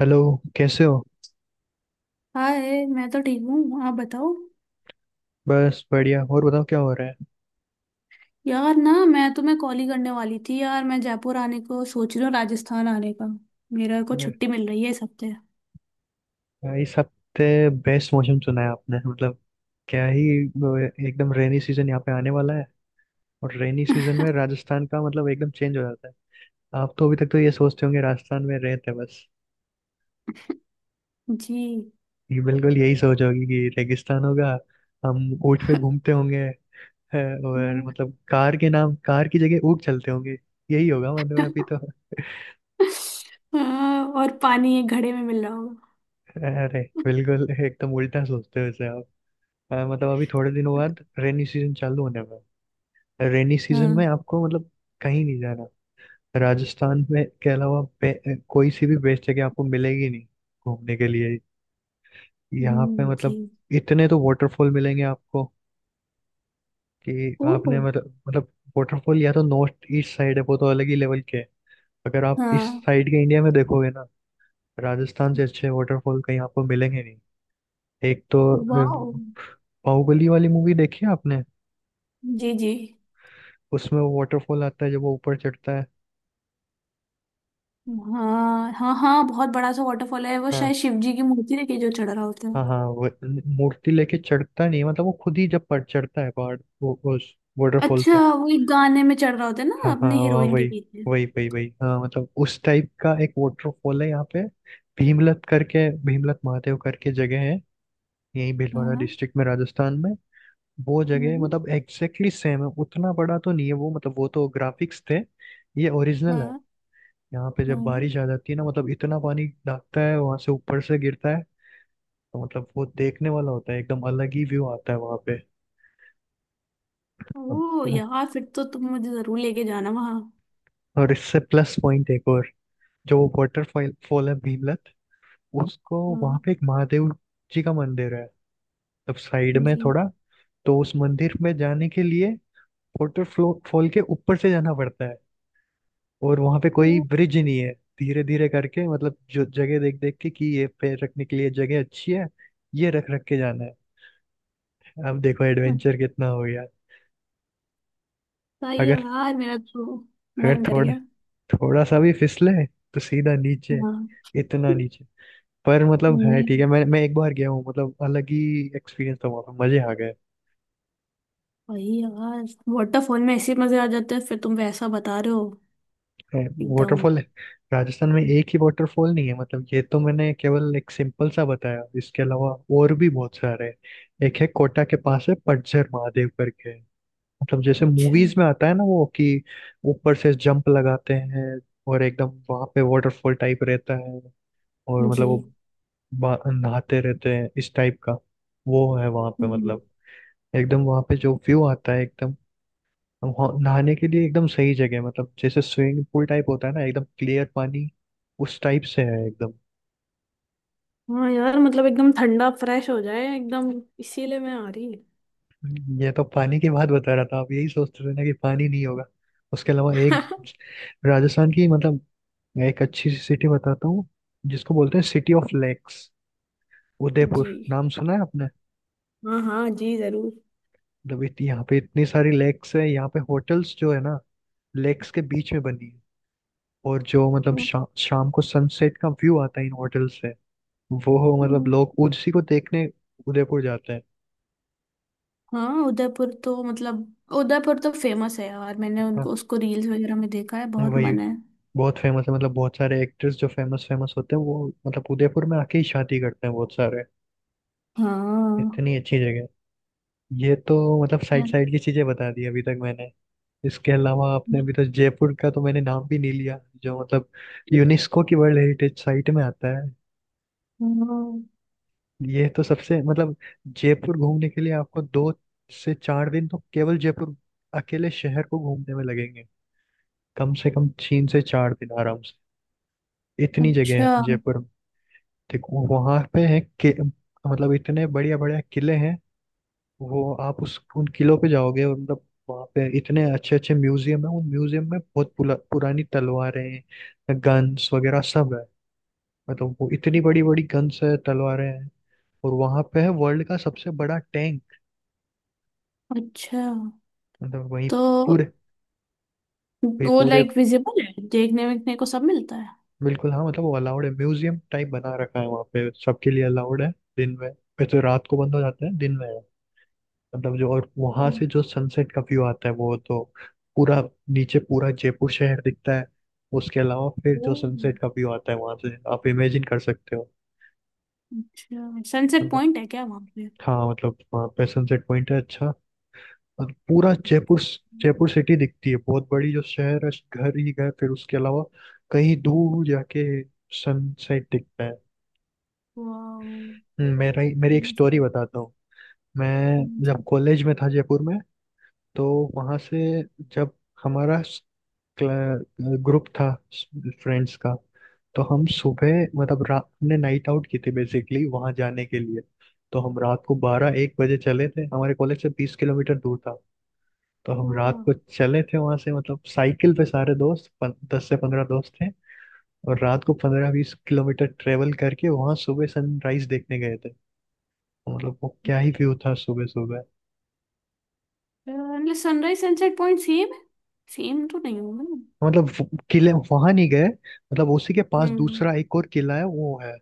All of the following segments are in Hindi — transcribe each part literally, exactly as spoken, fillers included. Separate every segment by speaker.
Speaker 1: हेलो। कैसे हो?
Speaker 2: हाय मैं तो ठीक हूँ आप बताओ।
Speaker 1: बस बढ़िया। और बताओ, क्या हो रहा है?
Speaker 2: यार ना मैं तुम्हें कॉल ही करने वाली थी यार मैं जयपुर आने को सोच रही हूँ राजस्थान आने का। मेरा को छुट्टी मिल रही है इस हफ्ते।
Speaker 1: यार, इस हफ्ते बेस्ट मौसम सुना है आपने। मतलब क्या ही। वो, एकदम रेनी सीजन यहाँ पे आने वाला है। और रेनी सीजन में राजस्थान का मतलब एकदम चेंज हो जाता है। आप तो अभी तक तो ये सोचते होंगे राजस्थान में रहते बस,
Speaker 2: जी।
Speaker 1: ये बिल्कुल यही सोच होगी कि रेगिस्तान होगा, हम ऊँट पे घूमते होंगे। है, और
Speaker 2: हाँ।
Speaker 1: मतलब कार के नाम कार की जगह ऊँट चलते होंगे। यही होगा मतलब अभी तो
Speaker 2: हाँ, और पानी एक घड़े में मिल रहा होगा।
Speaker 1: अरे बिल्कुल एकदम उल्टा सोचते हो इसे आप। अ, मतलब अभी थोड़े दिनों बाद रेनी सीजन चालू होने वाला है। रेनी सीजन में
Speaker 2: हाँ।
Speaker 1: आपको मतलब कहीं नहीं जाना। राजस्थान में के अलावा बे- कोई सी भी बेस्ट जगह आपको मिलेगी नहीं घूमने के लिए। यहाँ पे
Speaker 2: हम्म, जी।
Speaker 1: मतलब इतने तो वाटरफॉल मिलेंगे आपको कि
Speaker 2: ओ।
Speaker 1: आपने मतलब मतलब वाटरफॉल या तो नॉर्थ ईस्ट साइड है, वो तो अलग ही लेवल के है। अगर आप इस
Speaker 2: हाँ।
Speaker 1: साइड के इंडिया में देखोगे ना, राजस्थान से अच्छे वाटरफॉल कहीं आपको मिलेंगे नहीं। एक तो
Speaker 2: वाह।
Speaker 1: अ, बाहुबली वाली मूवी देखी है आपने?
Speaker 2: जी जी।
Speaker 1: उसमें वो वाटरफॉल आता है जब वो ऊपर चढ़ता है।
Speaker 2: हाँ हाँ हाँ, बहुत बड़ा सा वाटरफॉल है वो, शायद
Speaker 1: हाँ
Speaker 2: शिव जी की मूर्ति लेके जो चढ़ रहा होता है।
Speaker 1: हाँ हाँ, वो न- मूर्ति लेके चढ़ता नहीं है, मतलब वो खुद ही जब पर चढ़ता है पहाड़ वो उस वाटरफॉल
Speaker 2: अच्छा,
Speaker 1: पे।
Speaker 2: वो एक गाने में चढ़ रहा होता है ना
Speaker 1: हाँ हाँ
Speaker 2: अपने
Speaker 1: वहाँ
Speaker 2: हीरोइन के
Speaker 1: वही,
Speaker 2: पीछे।
Speaker 1: वही वही वही हाँ मतलब उस टाइप का एक वाटरफॉल है यहाँ पे। भीमलत करके, भीमलत महादेव करके जगह है, यही भीलवाड़ा
Speaker 2: हाँ,
Speaker 1: डिस्ट्रिक्ट में, राजस्थान में। वो जगह
Speaker 2: हम्म,
Speaker 1: मतलब एग्जैक्टली सेम है। उतना बड़ा तो नहीं है वो, मतलब वो तो ग्राफिक्स थे, ये ओरिजिनल है।
Speaker 2: हाँ
Speaker 1: यहाँ पे जब
Speaker 2: हाँ।
Speaker 1: बारिश आ जाती है ना मतलब इतना पानी दागता है, वहां से ऊपर से गिरता है। तो मतलब वो देखने वाला होता है, एकदम अलग ही व्यू आता है वहां पे।
Speaker 2: ओ
Speaker 1: अब-
Speaker 2: यार, फिर तो तुम मुझे जरूर लेके जाना वहां।
Speaker 1: और इससे प्लस पॉइंट एक और, जो वाटरफॉल फॉल फॉल है भीमलत, उसको
Speaker 2: हाँ।
Speaker 1: वहां पे एक महादेव जी का मंदिर है, तब साइड में
Speaker 2: जी।
Speaker 1: थोड़ा। तो उस मंदिर में जाने के लिए वाटरफॉल फॉल के ऊपर से जाना पड़ता है, और वहां पे कोई
Speaker 2: ओ,
Speaker 1: ब्रिज नहीं है। धीरे धीरे करके मतलब जो जगह देख देख के कि ये पैर रखने के लिए जगह अच्छी है, ये रख रख के जाना है। अब देखो
Speaker 2: अच्छा
Speaker 1: एडवेंचर कितना हो गया।
Speaker 2: ही है
Speaker 1: अगर
Speaker 2: यार, मेरा तो
Speaker 1: अगर
Speaker 2: मन कर
Speaker 1: थोड़ा,
Speaker 2: गया।
Speaker 1: थोड़ा सा भी फिसले तो सीधा नीचे,
Speaker 2: हाँ।
Speaker 1: इतना नीचे। पर मतलब है
Speaker 2: नहीं।
Speaker 1: ठीक है, मैं मैं एक बार गया हूँ, मतलब अलग ही एक्सपीरियंस था, वहाँ पे मजे आ गए।
Speaker 2: वही यार, वाटरफॉल में ऐसे मजे आ जाते हैं, फिर तुम वैसा बता रहे हो एकदम।
Speaker 1: वाटरफॉल है, राजस्थान में एक ही वाटरफॉल नहीं है मतलब। ये तो मैंने केवल एक सिंपल सा बताया, इसके अलावा और भी बहुत सारे हैं। एक है कोटा के पास है, पतझर महादेव करके। मतलब जैसे
Speaker 2: अच्छा।
Speaker 1: मूवीज में आता है ना वो कि ऊपर से जंप लगाते हैं, और एकदम वहां पे वाटरफॉल टाइप रहता है, और
Speaker 2: जी।
Speaker 1: मतलब वो बा- नहाते रहते हैं इस टाइप का। वो है वहां पे
Speaker 2: जी।
Speaker 1: मतलब, एकदम वहां पे जो व्यू आता है एकदम, हम हो- नहाने के लिए एकदम सही जगह है मतलब। जैसे स्विमिंग पूल टाइप होता है ना, एकदम क्लियर पानी उस टाइप से है एकदम।
Speaker 2: हाँ यार, मतलब एकदम ठंडा फ्रेश हो जाए एकदम, इसीलिए मैं आ रही।
Speaker 1: ये तो पानी की बात बता रहा था, आप यही सोचते थे ना कि पानी नहीं होगा। उसके अलावा एक राजस्थान की मतलब, मैं एक अच्छी सी सिटी बताता हूँ, जिसको बोलते हैं city of lakes, Udaipur.
Speaker 2: Ji.
Speaker 1: नाम सुना है आपने?
Speaker 2: हाँ हाँ, जी जरूर।
Speaker 1: मतलब इत- यहाँ पे इतनी सारी लेक्स है, यहाँ पे होटल्स जो है ना लेक्स के बीच में बनी है। और जो मतलब शा, शाम को सनसेट का व्यू आता है इन होटल्स से, वो हो मतलब
Speaker 2: हम्म।
Speaker 1: लोग उसी को देखने उदयपुर जाते हैं।
Speaker 2: हाँ, उदयपुर तो मतलब उदयपुर तो फेमस है यार, मैंने
Speaker 1: हाँ
Speaker 2: उनको उसको रील्स वगैरह में देखा है, बहुत
Speaker 1: वही,
Speaker 2: मन है।
Speaker 1: बहुत फेमस है मतलब। बहुत सारे एक्टर्स जो फेमस फेमस होते हैं वो मतलब उदयपुर में आके ही शादी करते हैं बहुत सारे,
Speaker 2: हाँ।
Speaker 1: इतनी अच्छी जगह है। ये तो मतलब साइड
Speaker 2: यार।
Speaker 1: साइड की चीजें बता दी अभी तक मैंने। इसके अलावा आपने, अभी तो जयपुर का तो मैंने नाम भी नहीं लिया, जो मतलब यूनेस्को की वर्ल्ड हेरिटेज साइट में आता है।
Speaker 2: हाँ,
Speaker 1: ये तो सबसे मतलब, जयपुर घूमने के लिए आपको दो से चार दिन तो केवल जयपुर अकेले शहर को घूमने में लगेंगे, कम से कम तीन से चार दिन आराम से। इतनी जगह है
Speaker 2: अच्छा।
Speaker 1: जयपुर में। देखो वहां पे है कि मतलब इतने बढ़िया बढ़िया किले हैं। वो आप उस उन किलों पे जाओगे, और मतलब वहाँ पे इतने अच्छे अच्छे म्यूजियम है। उन म्यूजियम में बहुत पुला, पुरानी तलवारें हैं, गन्स वगैरह सब है। मतलब वो इतनी बड़ी बड़ी गन्स है, तलवारें हैं। और वहां पे है वर्ल्ड का सबसे बड़ा टैंक।
Speaker 2: अच्छा,
Speaker 1: मतलब वही
Speaker 2: तो
Speaker 1: पूरे वही
Speaker 2: वो
Speaker 1: पूरे।
Speaker 2: लाइक विजिबल है, देखने देखने को सब मिलता है।
Speaker 1: बिल्कुल हाँ, मतलब वो अलाउड है, म्यूजियम टाइप बना रखा है, वहाँ पे सबके लिए अलाउड है दिन में। ये तो रात को बंद हो जाता है, दिन में है। मतलब जो, और
Speaker 2: ओ,
Speaker 1: वहां से जो सनसेट का व्यू आता है वो तो, पूरा नीचे पूरा जयपुर शहर दिखता है। उसके अलावा फिर
Speaker 2: ओ,
Speaker 1: जो सनसेट का व्यू आता है वहां से आप इमेजिन कर सकते हो
Speaker 2: अच्छा, सनसेट
Speaker 1: मतलब।
Speaker 2: पॉइंट है क्या वहाँ पे।
Speaker 1: हाँ मतलब वहाँ पे सनसेट पॉइंट है अच्छा, और पूरा जयपुर, जयपुर सिटी दिखती है। बहुत बड़ी जो शहर है, घर ही घर। फिर उसके अलावा कहीं दूर जाके सनसेट दिखता है। हम्म, मेरा ही- मेरी एक स्टोरी बताता हूँ। मैं
Speaker 2: वाह।
Speaker 1: जब कॉलेज में था जयपुर में, तो वहाँ से जब हमारा ग्रुप था फ्रेंड्स का, तो हम सुबह मतलब, रात हमने नाइट आउट की थी बेसिकली वहाँ जाने के लिए। तो हम रात को बारह एक बजे चले थे, हमारे कॉलेज से बीस किलोमीटर दूर था। तो हम रात को चले थे वहाँ से, मतलब साइकिल पे सारे दोस्त, पन, दस से पंद्रह दोस्त थे। और रात को पंद्रह बीस किलोमीटर ट्रेवल करके वहाँ सुबह सनराइज देखने गए थे। तो मतलब वो क्या ही व्यू था सुबह सुबह।
Speaker 2: Sunrise sunset point same same तो नहीं होगा ना।
Speaker 1: मतलब वो किले वहां नहीं गए, मतलब उसी के पास
Speaker 2: हम्म।
Speaker 1: दूसरा एक और किला है वो है।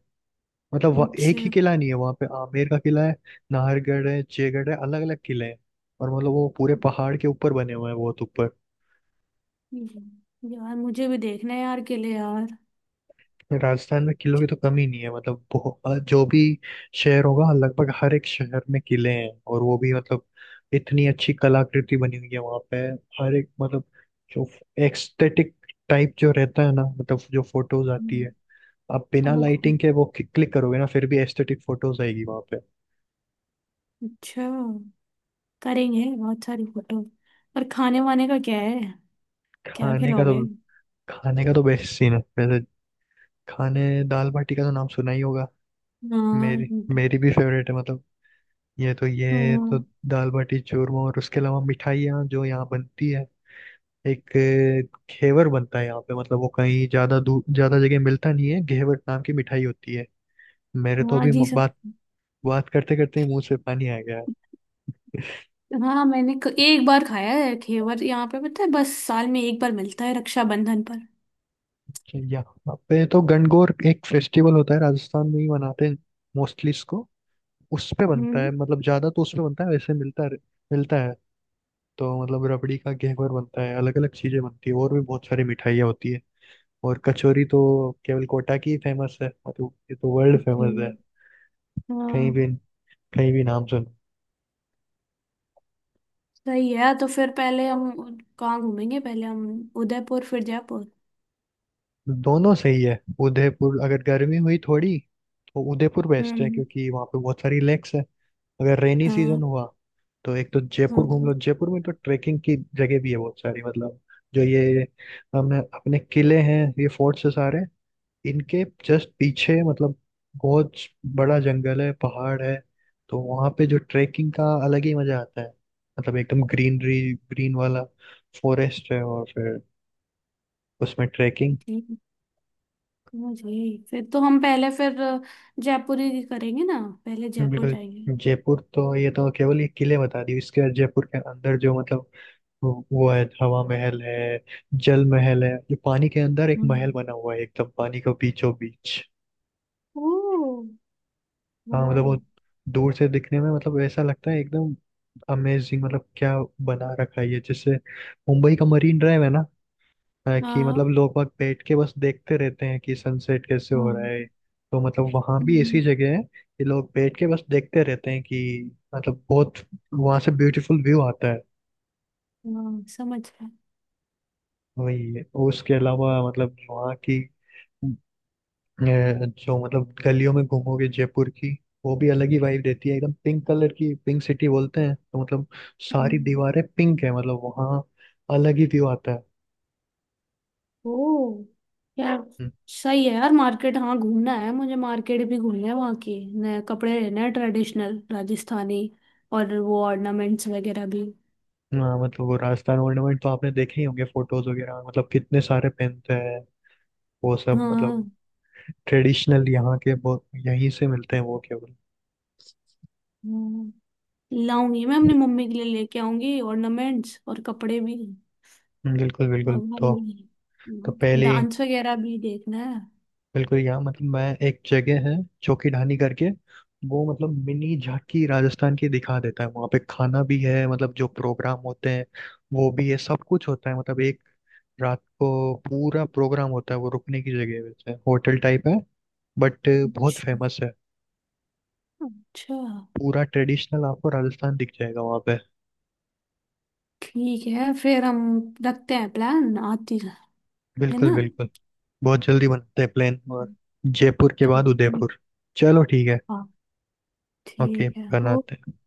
Speaker 1: मतलब वह- एक
Speaker 2: अच्छा।
Speaker 1: ही किला नहीं है, वहां पे आमेर का किला है, नाहरगढ़ है, जयगढ़ है, अलग अलग किले हैं। और मतलब वो पूरे पहाड़ के ऊपर बने हुए हैं, बहुत ऊपर।
Speaker 2: हम्म। यार मुझे भी देखना है यार, किले यार।
Speaker 1: राजस्थान में किलों की तो कमी नहीं है मतलब। बहुत- जो भी शहर होगा लगभग हर एक शहर में किले हैं, और वो भी मतलब इतनी अच्छी कलाकृति बनी हुई है वहां पे। हर एक मतलब, जो एक्सथेटिक टाइप जो रहता है ना मतलब, जो फोटोज आती
Speaker 2: हम्म।
Speaker 1: है, आप
Speaker 2: अब
Speaker 1: बिना
Speaker 2: मुझे,
Speaker 1: लाइटिंग के वो क्लिक करोगे ना फिर भी एस्थेटिक फोटोज आएगी वहां पे।
Speaker 2: अच्छा, करेंगे बहुत सारी फोटो। पर खाने वाने का क्या है, क्या
Speaker 1: खाने का
Speaker 2: खिलाओगे।
Speaker 1: तो, खाने का तो बेस्ट सीन है वैसे खाने। दाल बाटी का तो नाम सुना ही होगा।
Speaker 2: हाँ।
Speaker 1: मेरी मेरी भी फेवरेट है मतलब। ये तो ये तो
Speaker 2: हाँ
Speaker 1: दाल बाटी चूरमा, और उसके अलावा मिठाइयाँ जो यहाँ बनती है। एक अ, घेवर बनता है यहाँ पे, मतलब वो कहीं ज्यादा दूर ज्यादा जगह मिलता नहीं है। घेवर नाम की मिठाई होती है। मेरे तो
Speaker 2: हाँ
Speaker 1: अभी
Speaker 2: जी
Speaker 1: म-
Speaker 2: सर।
Speaker 1: बात बात करते करते ही मुंह से पानी आ गया।
Speaker 2: हाँ हाँ, मैंने क- एक बार खाया है घेवर यहाँ पे, पता है, बस साल में एक बार मिलता है रक्षाबंधन पर।
Speaker 1: यहाँ पे तो गणगौर एक फेस्टिवल होता है राजस्थान में ही मनाते हैं मोस्टली इसको, उस पे बनता है
Speaker 2: हम्म।
Speaker 1: मतलब ज्यादा। तो उस पे बनता है, वैसे मिलता है, मिलता है। तो मतलब रबड़ी का घेवर बनता है, अलग अलग चीजें बनती है और भी बहुत सारी मिठाइयाँ होती है। और कचौरी तो केवल कोटा की फेमस है, मतलब ये तो वर्ल्ड
Speaker 2: जी।
Speaker 1: फेमस है। कहीं
Speaker 2: हाँ।
Speaker 1: भी, कहीं भी नाम सुनो।
Speaker 2: सही है, तो फिर पहले हम उ- कहाँ घूमेंगे, पहले हम उदयपुर फिर जयपुर।
Speaker 1: दोनों सही है। उदयपुर अगर गर्मी हुई थोड़ी, तो उदयपुर बेस्ट है
Speaker 2: हम्म।
Speaker 1: क्योंकि वहाँ पे बहुत सारी लेक्स है। अगर रेनी
Speaker 2: हाँ।
Speaker 1: सीजन हुआ तो एक तो जयपुर घूम लो।
Speaker 2: हाँ।
Speaker 1: जयपुर में तो ट्रेकिंग की जगह भी है बहुत सारी, मतलब जो ये हम अपने किले हैं, ये फोर्ट्स है सारे, इनके जस्ट पीछे मतलब बहुत बड़ा जंगल है, पहाड़ है। तो वहाँ पे जो ट्रेकिंग का अलग ही मजा आता है, मतलब एकदम ग्रीनरी, ग्रीन वाला फॉरेस्ट है, और फिर उसमें ट्रेकिंग।
Speaker 2: जी। मुझे, फिर तो हम पहले फिर जयपुर ही करेंगे ना, पहले जयपुर जाएंगे।
Speaker 1: बिल्कुल, जयपुर तो, ये तो केवल ये किले बता दी। इसके जयपुर के अंदर जो मतलब वो वो है हवा महल है, जल महल है, जो पानी के अंदर एक महल
Speaker 2: हम्म।
Speaker 1: बना हुआ है एकदम पानी के बीचों बीच।
Speaker 2: ओ।
Speaker 1: हाँ मतलब वो
Speaker 2: वाह।
Speaker 1: दूर से दिखने में मतलब ऐसा लगता है एकदम अमेजिंग, मतलब क्या बना रखा है। ये जैसे मुंबई का मरीन ड्राइव है ना, अ, कि
Speaker 2: हाँ।
Speaker 1: मतलब लोग वहाँ बैठ के बस देखते रहते हैं कि सनसेट कैसे हो रहा
Speaker 2: हम्म।
Speaker 1: है, तो मतलब वहाँ भी ऐसी
Speaker 2: हम्म,
Speaker 1: जगह है कि लोग बैठ के बस देखते रहते हैं कि मतलब बहुत वहाँ से ब्यूटीफुल व्यू आता है।
Speaker 2: हाँ समझ गए।
Speaker 1: वही है। उसके अलावा मतलब वहाँ की अ, जो मतलब गलियों में घूमोगे जयपुर की, वो भी अलग ही वाइब देती है। एकदम पिंक कलर की, पिंक सिटी बोलते हैं तो मतलब सारी
Speaker 2: हम्म।
Speaker 1: दीवारें पिंक है, मतलब वहाँ अलग ही व्यू आता है।
Speaker 2: ओ। यार।
Speaker 1: हम्म,
Speaker 2: सही है यार, मार्केट हाँ घूमना है, मुझे मार्केट भी घूमना है, वहाँ के नए कपड़े लेने हैं ट्रेडिशनल राजस्थानी, और वो ऑर्नामेंट्स वगैरह भी।
Speaker 1: हाँ मतलब वो राजस्थान ऑर्नामेंट तो आपने देखे ही होंगे फोटोज वगैरह में, मतलब कितने सारे पहनते हैं वो सब,
Speaker 2: हाँ।
Speaker 1: मतलब ट्रेडिशनल यहाँ के बहुत यहीं से मिलते हैं वो केवल।
Speaker 2: हम्म। लाऊंगी, मैं अपनी मम्मी के लिए लेके आऊंगी ऑर्नामेंट्स और कपड़े भी।
Speaker 1: हम्म, बिल्कुल बिल्कुल।
Speaker 2: हमारी
Speaker 1: तो तो पहले,
Speaker 2: डांस वगैरह भी देखना है।
Speaker 1: बिल्कुल यहाँ मतलब, मैं, एक जगह है चौकीढानी करके, वो मतलब मिनी झांकी राजस्थान की दिखा देता है वहाँ पे। खाना भी है, मतलब जो प्रोग्राम होते हैं वो भी है, सब कुछ होता है मतलब। एक रात को पूरा प्रोग्राम होता है, वो रुकने की जगह है वैसे, होटल टाइप है, बट बहुत
Speaker 2: अच्छा।
Speaker 1: फेमस है।
Speaker 2: अच्छा,
Speaker 1: पूरा ट्रेडिशनल आपको राजस्थान दिख जाएगा वहाँ पे।
Speaker 2: ठीक है फिर, हम रखते हैं प्लान, आती है
Speaker 1: बिल्कुल
Speaker 2: ना।
Speaker 1: बिल्कुल, बहुत जल्दी बनाते हैं प्लान, और जयपुर के बाद
Speaker 2: ठीक ठीक।
Speaker 1: उदयपुर। चलो ठीक है,
Speaker 2: हाँ।
Speaker 1: ओके
Speaker 2: ठीक है, ओके।
Speaker 1: बनाते हैं।